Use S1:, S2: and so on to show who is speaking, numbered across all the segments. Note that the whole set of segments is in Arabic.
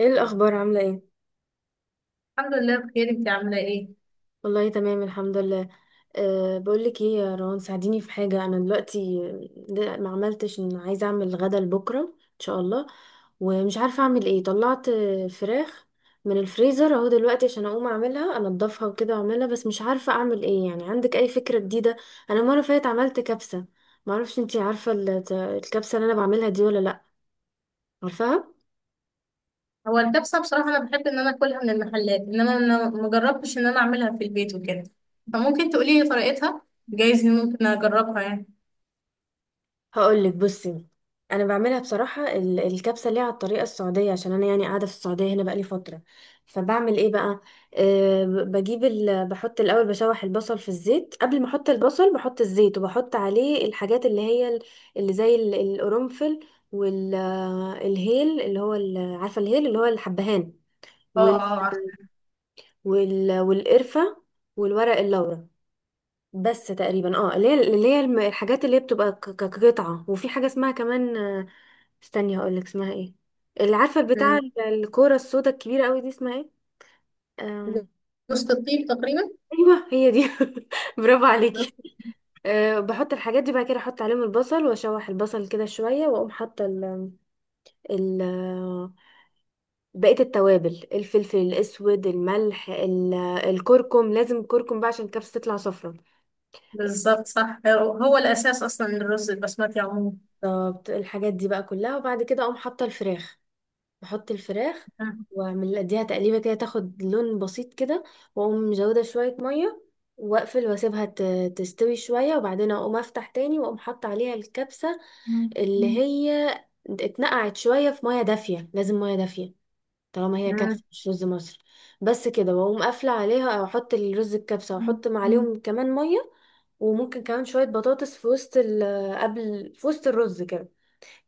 S1: ايه الاخبار؟ عامله ايه؟
S2: الحمد لله بخير، انت عامله ايه؟
S1: والله تمام، الحمد لله. بقول لك ايه يا روان، ساعديني في حاجه. انا دلوقتي ده ما عملتش، ان عايزه اعمل غدا لبكره ان شاء الله. ومش عارفه اعمل ايه. طلعت فراخ من الفريزر اهو دلوقتي، عشان اقوم اعملها، انضفها وكده واعملها. بس مش عارفه اعمل ايه يعني، عندك اي فكره جديده؟ انا المره اللي فاتت عملت كبسه. ما اعرفش انتي عارفه الكبسه اللي انا بعملها دي ولا لا؟ عارفاها.
S2: هو الكبسه بصراحه انا بحب ان انا اكلها من المحلات، انما انا ما جربتش ان انا اعملها في البيت وكده، فممكن تقولي لي طريقتها. جايز إن ممكن اجربها يعني.
S1: هقولك، بصي، انا بعملها بصراحه. الكبسه اللي هي على الطريقه السعوديه، عشان انا يعني قاعده في السعوديه هنا بقالي فتره. فبعمل ايه بقى؟ بجيب بحط الاول، بشوح البصل في الزيت. قبل ما احط البصل بحط الزيت، وبحط عليه الحاجات اللي هي اللي زي القرنفل والهيل اللي هو عارفه الهيل اللي هو الحبهان،
S2: اه،
S1: وال...
S2: اه، عارفه.
S1: والقرفه، والورق اللورا. بس تقريبا اللي هي الحاجات اللي هي بتبقى كقطعة. وفي حاجة اسمها كمان، استني هقولك اسمها ايه، اللي عارفة بتاع
S2: مم.
S1: الكورة السودا الكبيرة قوي دي، اسمها ايه؟ آم،
S2: وسط الطيب تقريبا.
S1: ايوه هي دي. برافو
S2: مم.
S1: عليكي. بحط الحاجات دي، بعد كده احط عليهم البصل واشوح البصل كده شوية، واقوم حاطة ال بقية التوابل، الفلفل الاسود، الملح، الكركم. لازم الكركم بقى عشان الكبسة تطلع صفرا.
S2: بالظبط صح، هو الاساس اصلا للرز البسمتي عموما.
S1: طب الحاجات دي بقى كلها، وبعد كده اقوم حاطة الفراخ. بحط الفراخ
S2: مم.
S1: واعمل اديها تقليبه كده، تاخد لون بسيط كده، واقوم مزوده شويه ميه واقفل واسيبها تستوي شويه، وبعدين اقوم افتح تاني واقوم حاطه عليها الكبسه اللي هي اتنقعت شويه في ميه دافيه، لازم ميه دافيه، طالما هي
S2: مم.
S1: كبسه مش رز مصر. بس كده، واقوم قافله عليها او احط الرز الكبسه، واحط عليهم كمان ميه. وممكن كمان شويه بطاطس في وسط قبل، في وسط الرز كده.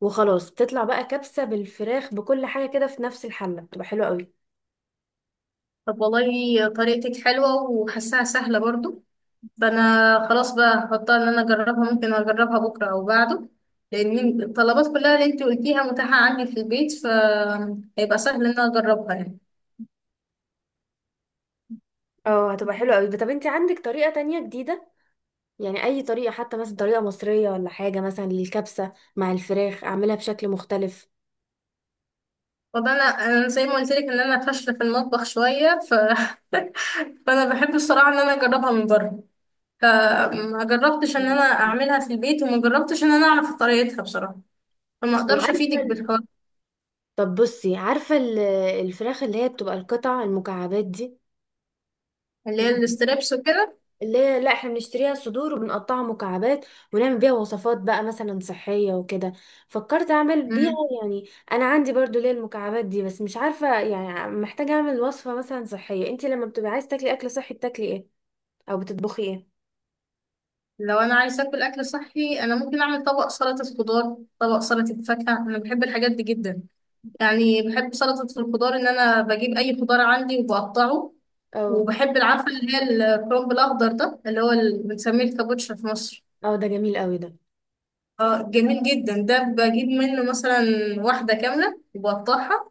S1: وخلاص بتطلع بقى كبسة بالفراخ بكل حاجة كده في نفس الحلة، بتبقى حلوة قوي.
S2: طب والله طريقتك حلوه وحاساها سهله برضو. فانا خلاص بقى هحطها ان انا اجربها، ممكن اجربها بكره او بعده، لان الطلبات كلها اللي انت قلتيها متاحه عندي في البيت، فهيبقى سهل ان انا اجربها يعني.
S1: اه، هتبقى حلوة قوي. طب انت عندك طريقة تانية جديدة؟ يعني اي طريقة، حتى مثلا طريقة مصرية ولا حاجة، مثلا للكبسة مع الفراخ اعملها بشكل مختلف.
S2: طب انا زي ما قلت لك ان انا فاشله في المطبخ شويه، فانا بحب الصراحه ان انا اجربها من بره، فما جربتش ان انا اعملها في البيت، وما جربتش ان انا اعرف طريقتها بصراحه، فما اقدرش
S1: وعارفة
S2: افيدك بالحوار.
S1: طب بصي، عارفة الفراخ اللي هي بتبقى القطع المكعبات دي،
S2: اللي هي الاستريبس وكده.
S1: اللي هي، لا، احنا بنشتريها صدور وبنقطعها مكعبات، ونعمل بيها وصفات بقى مثلا صحية وكده. فكرت اعمل بيها يعني. انا عندي برضو ليه المكعبات دي، بس مش عارفة يعني. محتاجة اعمل وصفة مثلا صحية. انت لما بتبقى عايز تاكلي اكل صحي بتاكلي ايه؟ او بتطبخي ايه؟
S2: لو انا عايزه اكل اكل صحي، انا ممكن اعمل طبق سلطه خضار، طبق سلطه فاكهه، انا بحب الحاجات دي جدا. يعني بحب سلطه الخضار، ان انا بجيب اي خضار عندي وبقطعه.
S1: اه
S2: وبحب العفه اللي هي الكرنب الاخضر ده، اللي هو بنسميه الكابوتشا في مصر.
S1: اه، ده جميل قوي ده.
S2: اه جميل جدا ده، بجيب منه مثلا واحده كامله وبقطعها،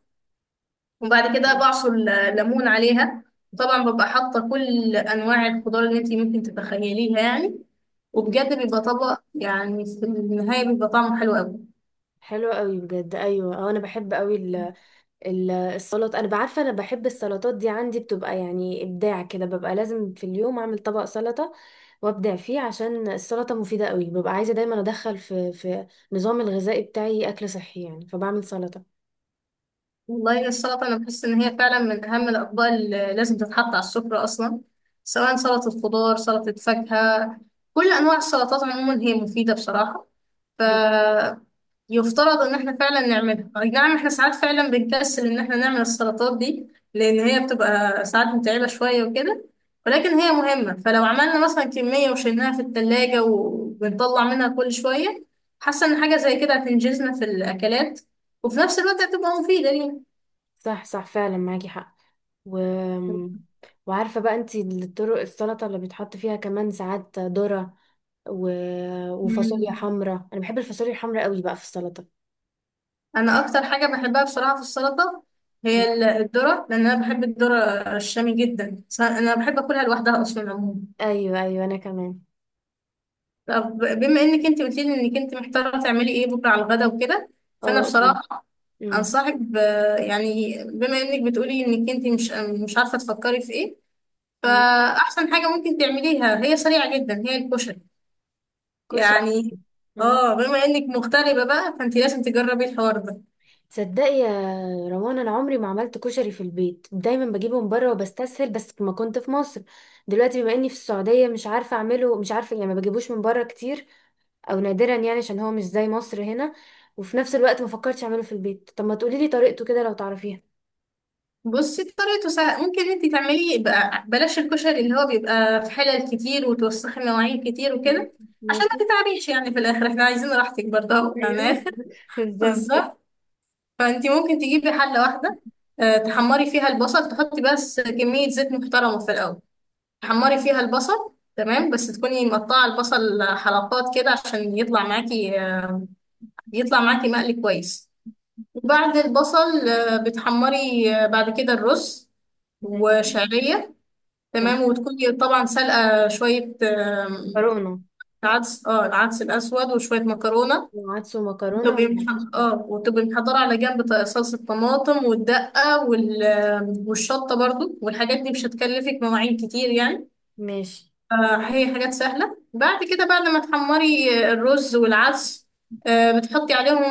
S2: وبعد كده بعصر ليمون عليها. طبعا ببقى حاطه كل انواع الخضار اللي انت ممكن تتخيليها يعني، وبجد بيبقى طبق، يعني في النهاية بيبقى طعمه حلو أوي.
S1: حلو قوي بجد، ايوه اه، انا بحب قوي السلطة. انا بعرفة، انا بحب السلطات دي. عندي بتبقى يعني ابداع كده، ببقى لازم في اليوم اعمل طبق سلطة وابدع فيه، عشان السلطة مفيدة قوي. ببقى عايزة دايما ادخل في نظام الغذائي بتاعي، اكل صحي يعني، فبعمل سلطة.
S2: والله السلطة أنا بحس إن هي فعلا من أهم الأطباق اللي لازم تتحط على السفرة أصلا، سواء سلطة خضار، سلطة فاكهة، كل أنواع السلطات عموما هي مفيدة بصراحة. ف
S1: بت-
S2: يفترض إن إحنا فعلا نعملها. أي نعم، إحنا ساعات فعلا بنكسل إن إحنا نعمل السلطات دي، لأن هي بتبقى ساعات متعبة شوية وكده، ولكن هي مهمة، فلو عملنا مثلا كمية وشيلناها في التلاجة وبنطلع منها كل شوية، حاسة إن حاجة زي كده هتنجزنا في الأكلات، وفي نفس الوقت هتبقى مفيدة لينا.
S1: صح صح، فعلا معاكي حق. و... وعارفة بقى انتي الطرق السلطة اللي بيتحط فيها كمان ساعات ذرة، و... وفاصوليا
S2: مم.
S1: حمراء. انا بحب الفاصوليا الحمراء قوي بقى في السلطة.
S2: انا اكتر حاجه بحبها بصراحه في السلطه
S1: م.
S2: هي الذره، لان انا بحب الذره الشامي جدا، انا بحب اكلها لوحدها اصلا عموما.
S1: ايوه ايوه، انا كمان.
S2: طب بما انك انت قلت لي انك انت محتاره تعملي ايه بكره على الغدا وكده، فانا
S1: اه، قولي.
S2: بصراحه
S1: م.
S2: انصحك يعني بما انك بتقولي انك انت مش عارفه تفكري في ايه،
S1: م.
S2: فاحسن حاجه ممكن تعمليها هي سريعه جدا، هي الكشري.
S1: كشري.
S2: يعني
S1: آه.
S2: اه، بما انك مغتربه بقى، فانت لازم تجربي الحوار ده.
S1: تصدقي يا روان، انا عمري ما عملت كشري في البيت، دايما بجيبه من بره وبستسهل بس ما كنت في مصر. دلوقتي بما اني في السعوديه مش عارفه اعمله. مش عارفه يعني، ما بجيبوش من بره كتير، او نادرا يعني، عشان هو مش زي مصر هنا. وفي نفس الوقت ما فكرتش اعمله في البيت. طب ما تقولي لي طريقته كده لو تعرفيها؟
S2: بصي طريقته سهلة، ممكن انت تعملي بقى بلاش الكشري اللي هو بيبقى في حلل كتير وتوسخي مواعين كتير
S1: مم.
S2: وكده، عشان ما
S1: ماشي.
S2: تتعبيش يعني، في الاخر احنا عايزين راحتك برضه اهو، يعني
S1: ايوه.
S2: اخر.
S1: بالظبط.
S2: بالظبط. فانت ممكن تجيبي حلة واحدة، تحمري فيها البصل، تحطي بس كمية زيت محترمة في الاول، تحمري فيها البصل تمام، بس تكوني مقطعة البصل حلقات كده عشان يطلع معاكي، يطلع معاكي مقلي كويس. وبعد البصل بتحمري بعد كده الرز
S1: ماشي.
S2: وشعرية،
S1: تمام.
S2: تمام. وتكوني طبعا سلقة شوية،
S1: مكرونه.
S2: عدس، العدس الأسود وشوية مكرونة.
S1: وعدس ومكرونه
S2: تبقي
S1: ومحشي.
S2: وتبقي محضرة على جنب، صلصة طماطم والدقة والشطة برضو، والحاجات دي مش هتكلفك مواعين كتير يعني.
S1: ماشي.
S2: هي حاجات سهلة. بعد كده بعد ما تحمري الرز والعدس، بتحطي عليهم،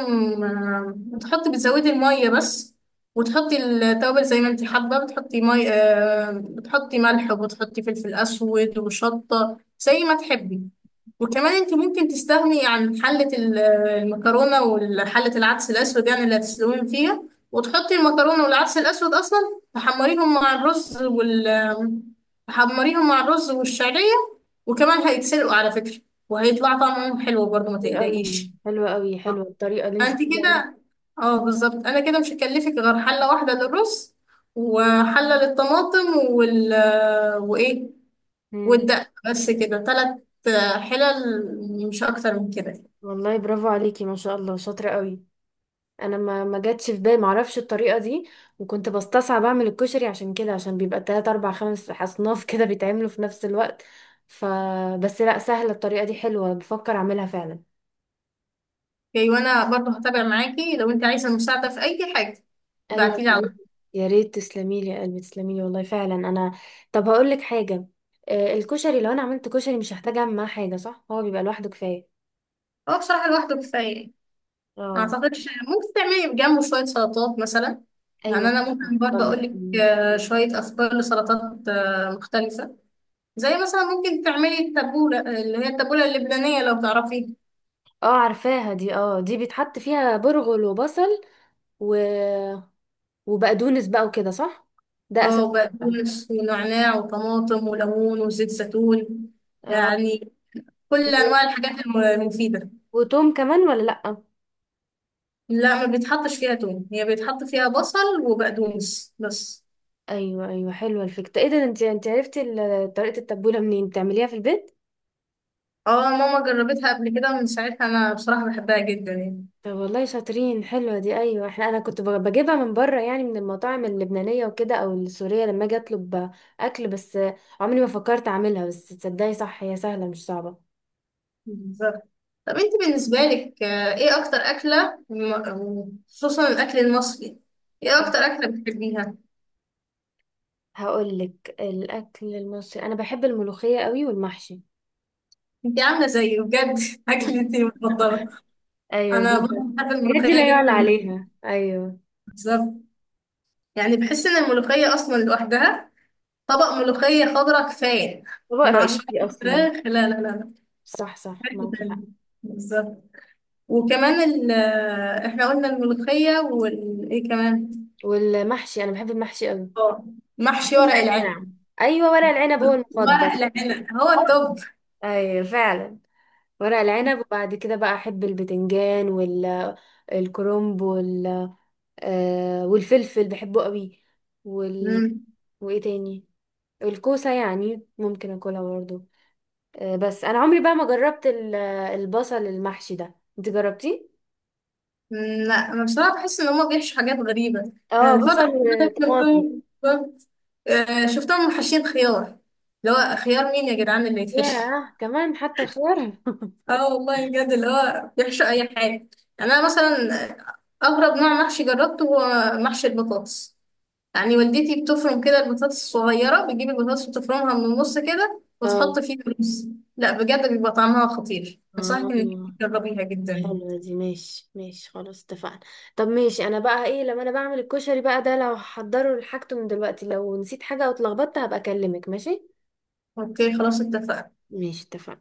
S2: بتحطي بتزودي المية بس. وتحطي التوابل زي ما انت حابة، بتحطي مي آه، بتحطي ملح وبتحطي فلفل أسود وشطة زي ما تحبي. وكمان انت ممكن تستغني عن حلة المكرونة وحلة العدس الأسود، يعني اللي هتسلقيهم فيها، وتحطي المكرونة والعدس الأسود أصلا تحمريهم مع الرز تحمريهم مع الرز والشعرية، وكمان هيتسلقوا على فكرة، وهيطلع طعمهم حلو برضه ما
S1: حلو قوي،
S2: تقلقيش.
S1: حلو قوي، حلوه الطريقه اللي انت
S2: انت
S1: بتقولي عليها.
S2: كده، اه بالظبط، انا كده مش هكلفك غير حلة واحدة للرز، وحلة للطماطم وايه
S1: مم.
S2: والدقة، بس كده ثلاث حلل، مش اكتر من كده.
S1: والله برافو عليكي، ما شاء الله، شاطرة قوي. انا ما جاتش في بالي، ما اعرفش الطريقة دي. وكنت بستصعب اعمل الكشري عشان كده، عشان بيبقى 3 4 5 اصناف كده بيتعملوا في نفس الوقت، ف بس لا، سهلة الطريقة دي، حلوة، بفكر اعملها فعلا.
S2: اوكي، وانا برضه هتابع معاكي لو انت عايزة مساعدة في اي حاجة،
S1: ايوه
S2: ابعتيلي
S1: يا
S2: على
S1: ريت.
S2: طول.
S1: يا ريت تسلمي لي يا قلبي، تسلمي لي والله، فعلا انا. طب هقول لك حاجة، الكشري لو انا عملت كشري، مش هحتاج اعمل معاه حاجة، صح؟ هو بيبقى لوحده كفاية.
S2: هو بصراحة لوحده كفاية. ما
S1: اه.
S2: اعتقدش، ممكن تعملي جنبه شويه سلطات مثلا.
S1: ايوه،
S2: يعني انا ممكن برضه اقول لك
S1: اتفضلي.
S2: شويه افكار لسلطات مختلفه، زي مثلا ممكن تعملي التبوله، اللي هي التبوله اللبنانيه لو تعرفيها.
S1: اه عارفاها دي. اه، دي بيتحط فيها برغل وبصل و... وبقدونس بقى وكده، صح، ده اساس
S2: اه
S1: بقى.
S2: بقدونس ونعناع وطماطم وليمون وزيت زيتون،
S1: آه.
S2: يعني كل
S1: و-
S2: انواع الحاجات المفيده.
S1: وتوم كمان ولا لأ؟
S2: لا، ما بيتحطش فيها توم، هي بيتحط فيها بصل وبقدونس بس.
S1: ايوه ايوه، حلوه الفكره. ايه ده، انت عرفتي طريقه التبوله منين؟ بتعمليها في البيت؟
S2: اه ماما جربتها قبل كده، ومن ساعتها انا بصراحه بحبها جدا يعني.
S1: طب والله شاطرين، حلوه دي. ايوه، احنا، انا كنت بجيبها من بره، يعني من المطاعم اللبنانيه وكده او السوريه لما اجي اطلب اكل بس. عمري ما فكرت اعملها. بس تصدقي، صح، هي سهله مش صعبه.
S2: بالظبط. طب انت بالنسبة لك، ايه اكتر اكلة خصوصا الاكل المصري، ايه
S1: آه.
S2: اكتر اكلة بتحبيها؟
S1: هقول لك الاكل المصري انا بحب الملوخيه قوي، والمحشي.
S2: انت عاملة زيي بجد اكلتي المفضلة.
S1: ايوه بجد.
S2: انا برضه بحب
S1: الحاجات دي لا
S2: الملوخية
S1: يعلى
S2: جدا.
S1: عليها. ايوه،
S2: بالظبط. يعني بحس ان الملوخية اصلا لوحدها، طبق ملوخية خضراء كفاية،
S1: طبق
S2: مع
S1: رئيسي
S2: شوية
S1: اصلا.
S2: فراخ. لا لا لا لا،
S1: صح صح،
S2: حاجة
S1: معاكي
S2: تانية.
S1: حق.
S2: بالظبط. وكمان احنا قلنا الملوخية وايه كمان؟
S1: والمحشي، انا بحب المحشي قوي.
S2: اه، محشي
S1: كل
S2: ورق العنب.
S1: انواع. ايوه، ورق العنب هو
S2: ورق
S1: المفضل.
S2: العنب هو التوب.
S1: ايوه فعلا. ورق العنب، وبعد كده بقى احب البتنجان الكرنب آه، والفلفل بحبه قوي وال
S2: مم.
S1: وايه تاني؟ الكوسه يعني ممكن اكلها برضه. بس انا عمري بقى ما جربت البصل المحشي ده، انت جربتيه؟
S2: مم، لا انا بصراحه بحس ان هما بيحشوا حاجات غريبه. يعني
S1: اه،
S2: الفتره
S1: بصل
S2: اللي فاتت
S1: وطماطم.
S2: شفتهم حاشين خيار. اللي هو خيار، مين يا جدعان اللي يتحشي؟
S1: ياه، كمان حتى الخيار.
S2: اه والله بجد، اللي هو بيحشوا اي حاجه. يعني انا مثلا اغرب نوع محشي جربته هو محشي البطاطس، يعني والدتي بتفرم كده البطاطس الصغيره، بتجيب البطاطس وتفرمها من النص كده وتحط
S1: اه
S2: فيها رز. لا بجد، بيبقى طعمها خطير، انصحك انك
S1: اه،
S2: تجربيها جدا.
S1: حلوة دي. ماشي ماشي، خلاص اتفقنا. طب، ماشي. انا بقى ايه، لما انا بعمل الكشري بقى ده، لو هحضره لحاجته من دلوقتي، لو نسيت حاجة او اتلخبطت هبقى اكلمك، ماشي؟
S2: اوكي خلاص اتفقنا.
S1: ماشي، اتفقنا.